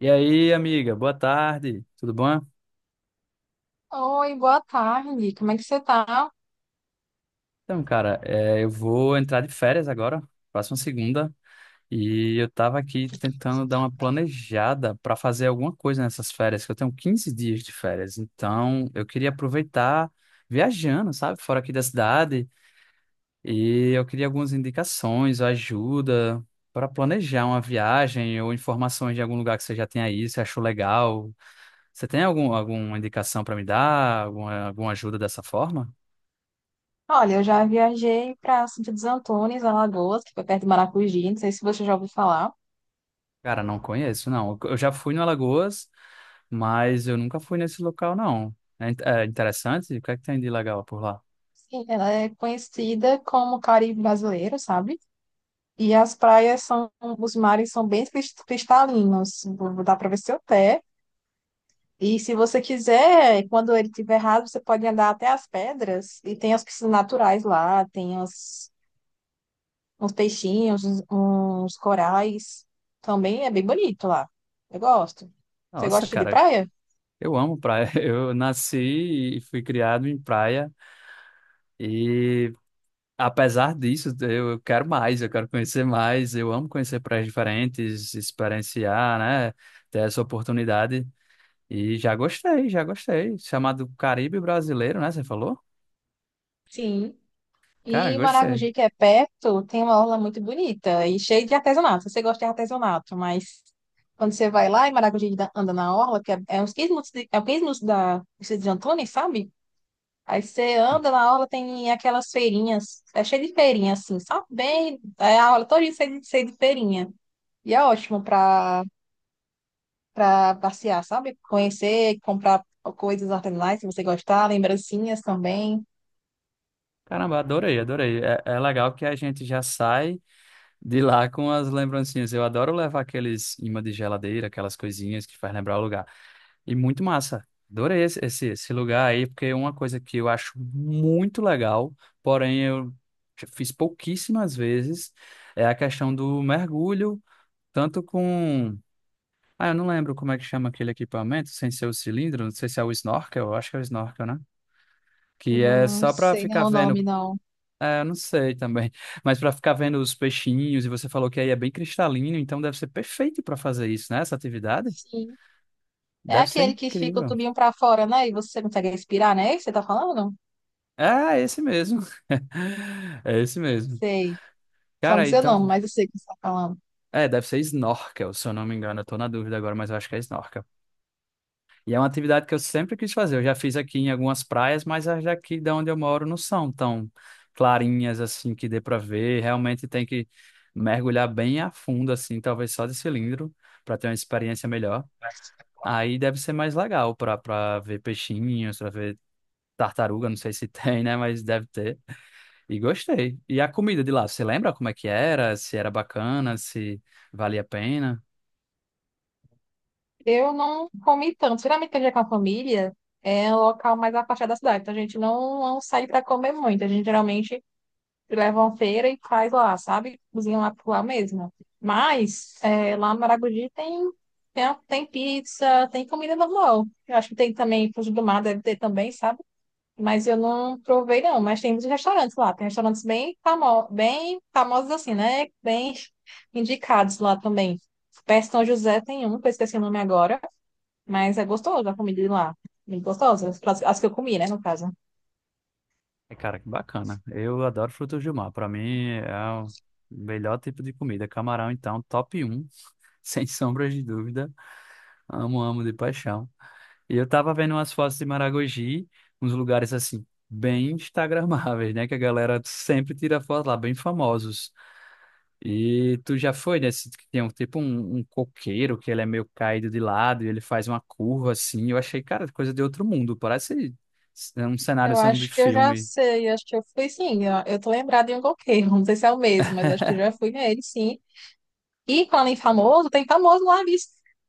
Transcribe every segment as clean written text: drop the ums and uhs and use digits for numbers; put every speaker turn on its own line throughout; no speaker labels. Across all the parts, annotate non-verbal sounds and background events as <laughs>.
E aí, amiga, boa tarde, tudo bom?
Oi, boa tarde. Como é que você tá?
Então, cara, é, eu vou entrar de férias agora, próxima segunda, e eu tava aqui tentando dar uma planejada para fazer alguma coisa nessas férias, que eu tenho 15 dias de férias, então eu queria aproveitar viajando, sabe, fora aqui da cidade, e eu queria algumas indicações ajuda para planejar uma viagem ou informações de algum lugar que você já tem aí, se achou legal. Você tem alguma indicação para me dar, alguma ajuda dessa forma?
Olha, eu já viajei para Santa dos Antônios, Alagoas, que foi perto de Maracujá. Não sei se você já ouviu falar.
Cara, não conheço, não. Eu já fui no Alagoas, mas eu nunca fui nesse local, não. É, é interessante? O que é que tem de legal por lá?
Sim, ela é conhecida como Caribe brasileiro, sabe? E as praias são, os mares são bem cristalinos. Dá para ver seu pé. E se você quiser, quando ele estiver raso, você pode andar até as pedras. E tem as piscinas naturais lá, tem as uns peixinhos, uns corais. Também é bem bonito lá. Eu gosto. Você
Nossa,
gosta de
cara,
praia?
eu amo praia. <laughs> Eu nasci e fui criado em praia. E apesar disso, eu quero mais, eu quero conhecer mais. Eu amo conhecer praias diferentes, experienciar, né? Ter essa oportunidade. E já gostei, já gostei. Chamado Caribe Brasileiro, né? Você falou?
Sim.
Cara,
E
gostei.
Maragogi, que é perto, tem uma orla muito bonita e cheia de artesanato. Você gosta de artesanato, mas quando você vai lá e anda na orla, que é, é uns 15 minutos, de, é 15 minutos da Cidade de Antônio, sabe? Aí você anda na orla, tem aquelas feirinhas, é cheio de feirinha, assim, sabe? Bem, é a orla toda cheia de feirinha. E é ótimo para passear, sabe? Conhecer, comprar coisas artesanais, se você gostar, lembrancinhas também.
Caramba, adorei, adorei. É, é legal que a gente já sai. De lá com as lembrancinhas. Eu adoro levar aqueles imãs de geladeira, aquelas coisinhas que faz lembrar o lugar. E muito massa. Adorei esse lugar aí, porque é uma coisa que eu acho muito legal, porém eu já fiz pouquíssimas vezes, é a questão do mergulho, tanto com. Ah, eu não lembro como é que chama aquele equipamento, sem ser o cilindro, não sei se é o snorkel, eu acho que é o snorkel, né?
Eu
Que é
não
só para
sei
ficar
não o
vendo
nome, não.
é, eu não sei também. Mas para ficar vendo os peixinhos, e você falou que aí é bem cristalino, então deve ser perfeito para fazer isso, né? Essa atividade
Sim. É
deve ser
aquele que fica o
incrível.
tubinho para fora, né? E você consegue respirar, né? É isso que você tá falando?
É, é esse mesmo. <laughs> É esse mesmo.
Sei. Só não
Cara,
sei o
então.
nome, mas eu sei o que você tá falando.
É, deve ser snorkel, se eu não me engano. Eu tô na dúvida agora, mas eu acho que é snorkel. E é uma atividade que eu sempre quis fazer. Eu já fiz aqui em algumas praias, mas as daqui de onde eu moro não são tão clarinhas assim que dê para ver. Realmente tem que mergulhar bem a fundo, assim, talvez só de cilindro, para ter uma experiência melhor. Aí deve ser mais legal pra ver peixinhos, pra ver tartaruga, não sei se <laughs> tem, né? Mas deve ter. E gostei. E a comida de lá, você lembra como é que era? Se era bacana, se valia a pena?
Eu não comi tanto. Geralmente, quando a gente é com a família, é um local mais afastado da cidade. Então, a gente não sai para comer muito. A gente geralmente leva uma feira e faz lá, sabe? Cozinha lá por lá mesmo. Mas é, lá no Maragogi tem pizza, tem comida normal. Eu acho que tem também, frutos do mar deve ter também, sabe? Mas eu não provei, não. Mas tem muitos restaurantes lá. Tem restaurantes bem famosos, assim, né? Bem indicados lá também. Perto de São José tem um, que eu esqueci o nome agora. Mas é gostoso a comida de lá. Bem gostosa. As que eu comi, né, no caso.
E, cara, que bacana. Eu adoro frutos do mar. Pra mim é o melhor tipo de comida. Camarão, então, top um, <laughs> sem sombras de dúvida. Amo, amo de paixão. E eu tava vendo umas fotos de Maragogi, uns lugares assim, bem instagramáveis, né? Que a galera sempre tira foto lá, bem famosos. E tu já foi nesse que tem um tipo um, um coqueiro que ele é meio caído de lado e ele faz uma curva assim. Eu achei, cara, coisa de outro mundo. Parece um cenário
Eu
assim, de
acho que eu já
filme.
sei, acho que eu fui sim, eu tô lembrada em um coqueiro, não sei se é o mesmo, mas acho que já fui nele, sim. E quando em famoso, tem famoso lá, bicho.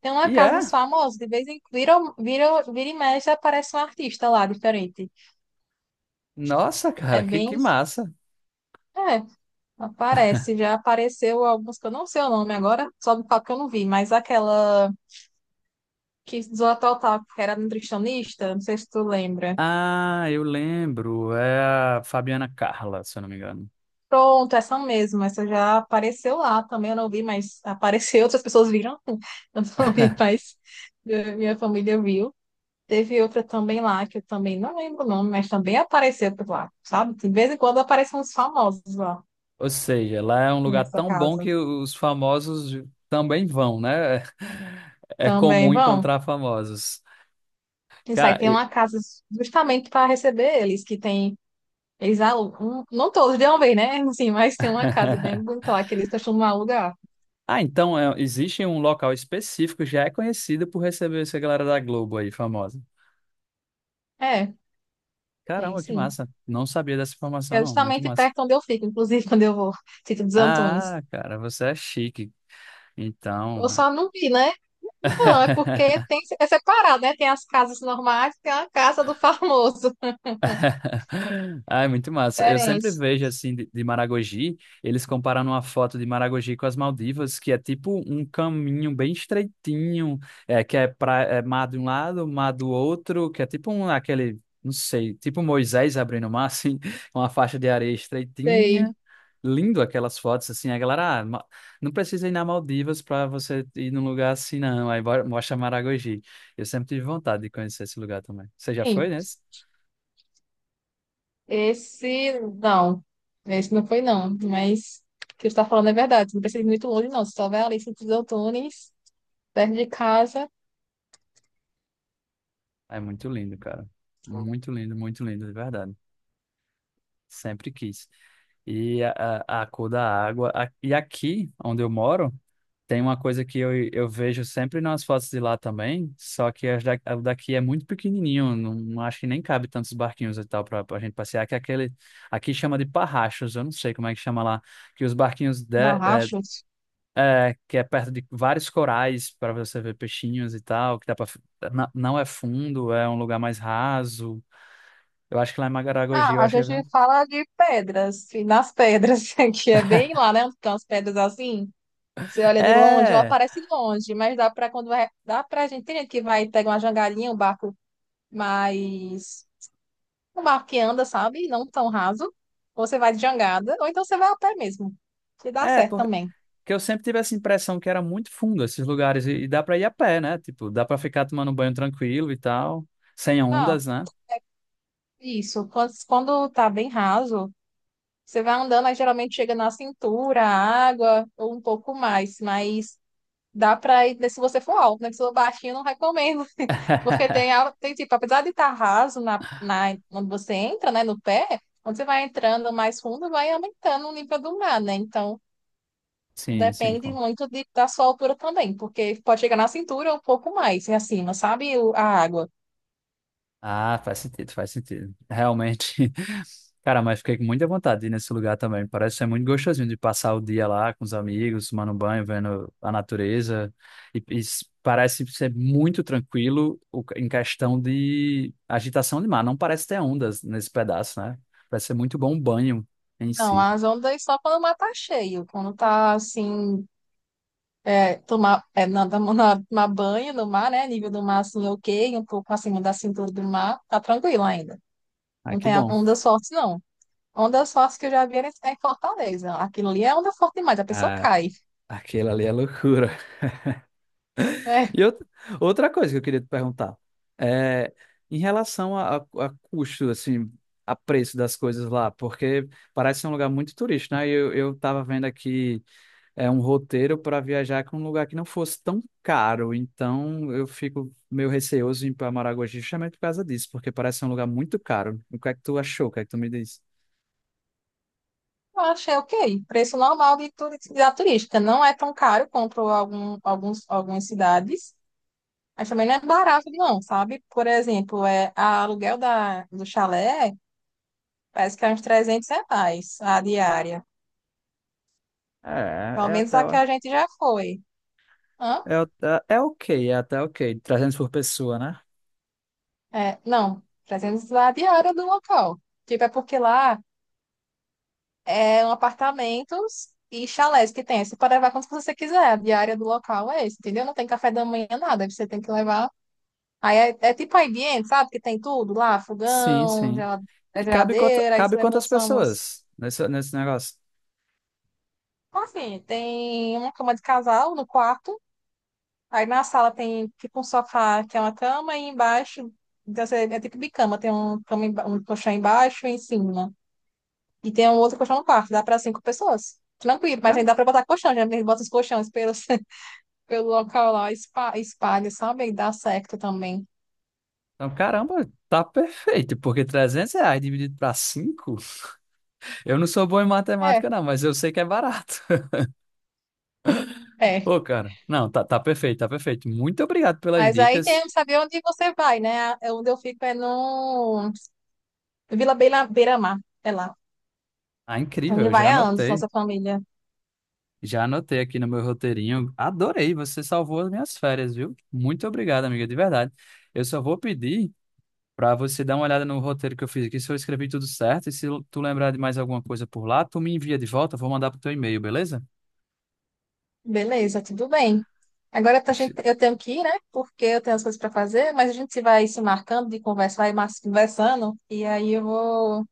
Tem uma
E
casa dos
é,
famosos, de vez em quando, vira e mexe, aparece um artista lá, diferente.
nossa, cara,
É
que
bem,
massa.
é, Aparece, já apareceu alguns que eu não sei o nome agora, só do palco que eu não vi, mas aquela que zoa total, que era nutricionista, não sei se tu lembra.
Ah, eu lembro. É a Fabiana Carla, se eu não me engano.
Pronto, essa mesmo, essa já apareceu lá também, eu não vi, mas apareceu, <laughs> outras pessoas viram, <laughs> eu não vi,
<laughs>
mas minha família viu. Teve outra também lá, que eu também não lembro o nome, mas também apareceu por lá, sabe? De vez em quando aparecem uns famosos lá
Ou seja, lá é um lugar
nessa
tão bom
casa.
que os famosos também vão, né? <laughs> É
Também
comum
vão.
encontrar famosos.
Isso
Cara,
aí tem
eu...
uma casa justamente para receber eles, que tem, eles alugam, não todos de uma vez, né? <laughs> Sim, mas tem uma casa bem
<laughs>
bonita lá que eles costumam alugar.
Ah, então é, existe um local específico que já é conhecido por receber essa galera da Globo aí, famosa.
É, tem
Caramba, que
sim.
massa. Não sabia dessa informação,
É
não. Muito
justamente
massa.
perto onde eu fico, inclusive <laughs> quando eu vou, Sítio dos Antunes.
Ah, cara, você é chique. Então.
Eu só não vi, né? Não, é
<laughs>
porque tem, é separado, né? Tem as casas normais, tem a casa do <laughs> famoso.
<laughs> Ai, muito massa. Eu sempre
Diferente.
vejo assim de, Maragogi, eles comparando uma foto de Maragogi com as Maldivas, que é tipo um caminho bem estreitinho, é, que é, pra, é mar de um lado, mar do outro, que é tipo um, aquele, não sei, tipo um Moisés abrindo o mar, assim, <laughs> uma faixa de areia
Sei.
estreitinha. Lindo aquelas fotos, assim, a galera, ah, não precisa ir na Maldivas para você ir num lugar assim, não. Aí mostra Maragogi. Eu sempre tive vontade de conhecer esse lugar também. Você já foi
Sim,
né?
esse não. Esse não foi, não. Mas o que você está falando é verdade. Não precisa ir muito longe, não. Se só vai ali, Sítio dos Antunes, perto de casa,
É muito lindo, cara. Muito lindo, de verdade. Sempre quis. E a, a cor da água. A- e aqui, onde eu moro, tem uma coisa que eu vejo sempre nas fotos de lá também, só que as da, a daqui é muito pequenininho, não, não acho que nem cabe tantos barquinhos e tal para a gente passear, que é aquele, aqui chama de parrachos, eu não sei como é que chama lá, que os barquinhos de, é,
Barrachos.
é, que é perto de vários corais para você ver peixinhos e tal, que dá para não é fundo, é um lugar mais raso. Eu acho que lá em Maragogi, eu
Ah, a
acho que...
gente fala de pedras, e nas pedras, <laughs> que é bem lá, né? Onde estão as pedras assim. Você olha de longe, ela
É,
parece longe, mas dá para quando vai, dá para gente, tem gente que vai pega uma jangadinha, um barco mais um barco que anda, sabe? Não tão raso. Ou você vai de jangada, ou então você vai a pé mesmo. Que dá
é,
certo
porque
também.
eu sempre tive essa impressão que era muito fundo esses lugares e dá pra ir a pé, né? Tipo, dá pra ficar tomando banho tranquilo e tal, sem
Ah,
ondas, né?
isso. Quando tá bem raso, você vai andando, aí geralmente chega na cintura, a água, ou um pouco mais, mas dá pra ir, né, se você for alto, né? Se for baixinho, eu não recomendo. <laughs> Porque
<laughs>
tem tipo, apesar de estar raso onde você entra, né, no pé, quando você vai entrando mais fundo, vai aumentando o nível do mar, né? Então,
Sim, sim.
depende muito da sua altura também, porque pode chegar na cintura ou um pouco mais, e acima, sabe? A água.
Ah, faz sentido, faz sentido. Realmente. <laughs> Cara, mas fiquei com muita vontade de ir nesse lugar também. Parece ser muito gostosinho de passar o dia lá com os amigos, tomando banho, vendo a natureza. E parece ser muito tranquilo em questão de agitação de mar. Não parece ter ondas nesse pedaço, né? Parece ser muito bom o banho em
Não,
si.
as ondas só quando o mar tá cheio, quando tá assim. É, tomar, é, na, na, na- Tomar banho no mar, né? Nível do mar assim, ok, um pouco acima da cintura do mar, tá tranquilo ainda.
Ah,
Não
que
tem
bom.
onda forte, não. Onda forte que eu já vi era em Fortaleza. Aquilo ali é onda forte demais, a pessoa
Ah,
cai.
aquilo ali é loucura.
É,
E outra, outra coisa que eu queria te perguntar é em relação a, a custo, assim, a preço das coisas lá, porque parece ser um lugar muito turístico, né? E eu tava vendo aqui é um roteiro para viajar com um lugar que não fosse tão caro, então eu fico meio receoso em ir para Maragogi justamente por causa disso, porque parece ser um lugar muito caro. O que é que tu achou? O que é que tu me diz?
eu achei ok. Preço normal da turística. Não é tão caro quanto algumas cidades, mas também não é barato, não, sabe? Por exemplo, é, a aluguel do chalé parece que é uns R$ 300 a diária.
É,
Pelo
é
menos
até,
a que a gente já foi. Hã?
é, o- é ok. é até ok. 300 por pessoa, né?
É, não, 300 a diária do local. Tipo, é porque lá. É um apartamentos e chalés que tem. Você pode levar quanto você quiser. A diária do local é esse, entendeu? Não tem café da manhã, nada. Aí você tem que levar. Aí é, é tipo a ambiente, sabe? Que tem tudo lá,
Sim,
fogão,
sim.
é
E cabe,
geladeira, aí
cabe
você leva
quantas
só umas.
pessoas nesse negócio?
Enfim, tem uma cama de casal no quarto. Aí na sala tem tipo um sofá que é uma cama, e embaixo então, você é tipo bicama, tem um, um colchão embaixo e em cima. E tem um outro colchão no quarto, dá para cinco pessoas. Tranquilo, mas
Ca-
ainda dá pra botar colchão, já bota os colchões pelo local lá, espalha, sabe? E dá certo também.
Então, caramba, tá perfeito, porque 300 reais dividido para cinco. <laughs> Eu não sou bom em
É,
matemática, não, mas eu sei que é barato. <laughs>
é.
Pô, cara, não, tá, tá perfeito, tá perfeito. Muito obrigado pelas
Mas aí tem
dicas.
que saber onde você vai, né? É, onde eu fico é no Beira-Mar, é lá.
Ah, incrível,
Onde
eu já
vai há anos,
anotei.
nossa família.
Já anotei aqui no meu roteirinho. Adorei, você salvou as minhas férias, viu? Muito obrigado, amiga, de verdade. Eu só vou pedir para você dar uma olhada no roteiro que eu fiz aqui, se eu escrevi tudo certo, e se tu lembrar de mais alguma coisa por lá, tu me envia de volta, vou mandar pro teu e-mail, beleza?
Beleza, tudo bem. Agora eu tenho que ir, né? Porque eu tenho as coisas para fazer, mas a gente vai se marcando de conversar e conversando. E aí eu vou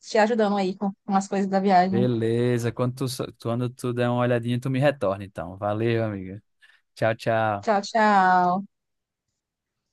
te ajudando aí com as coisas da viagem.
Beleza, quando tu der uma olhadinha, tu me retorna, então. Valeu, amiga. Tchau, tchau.
Tchau, tchau.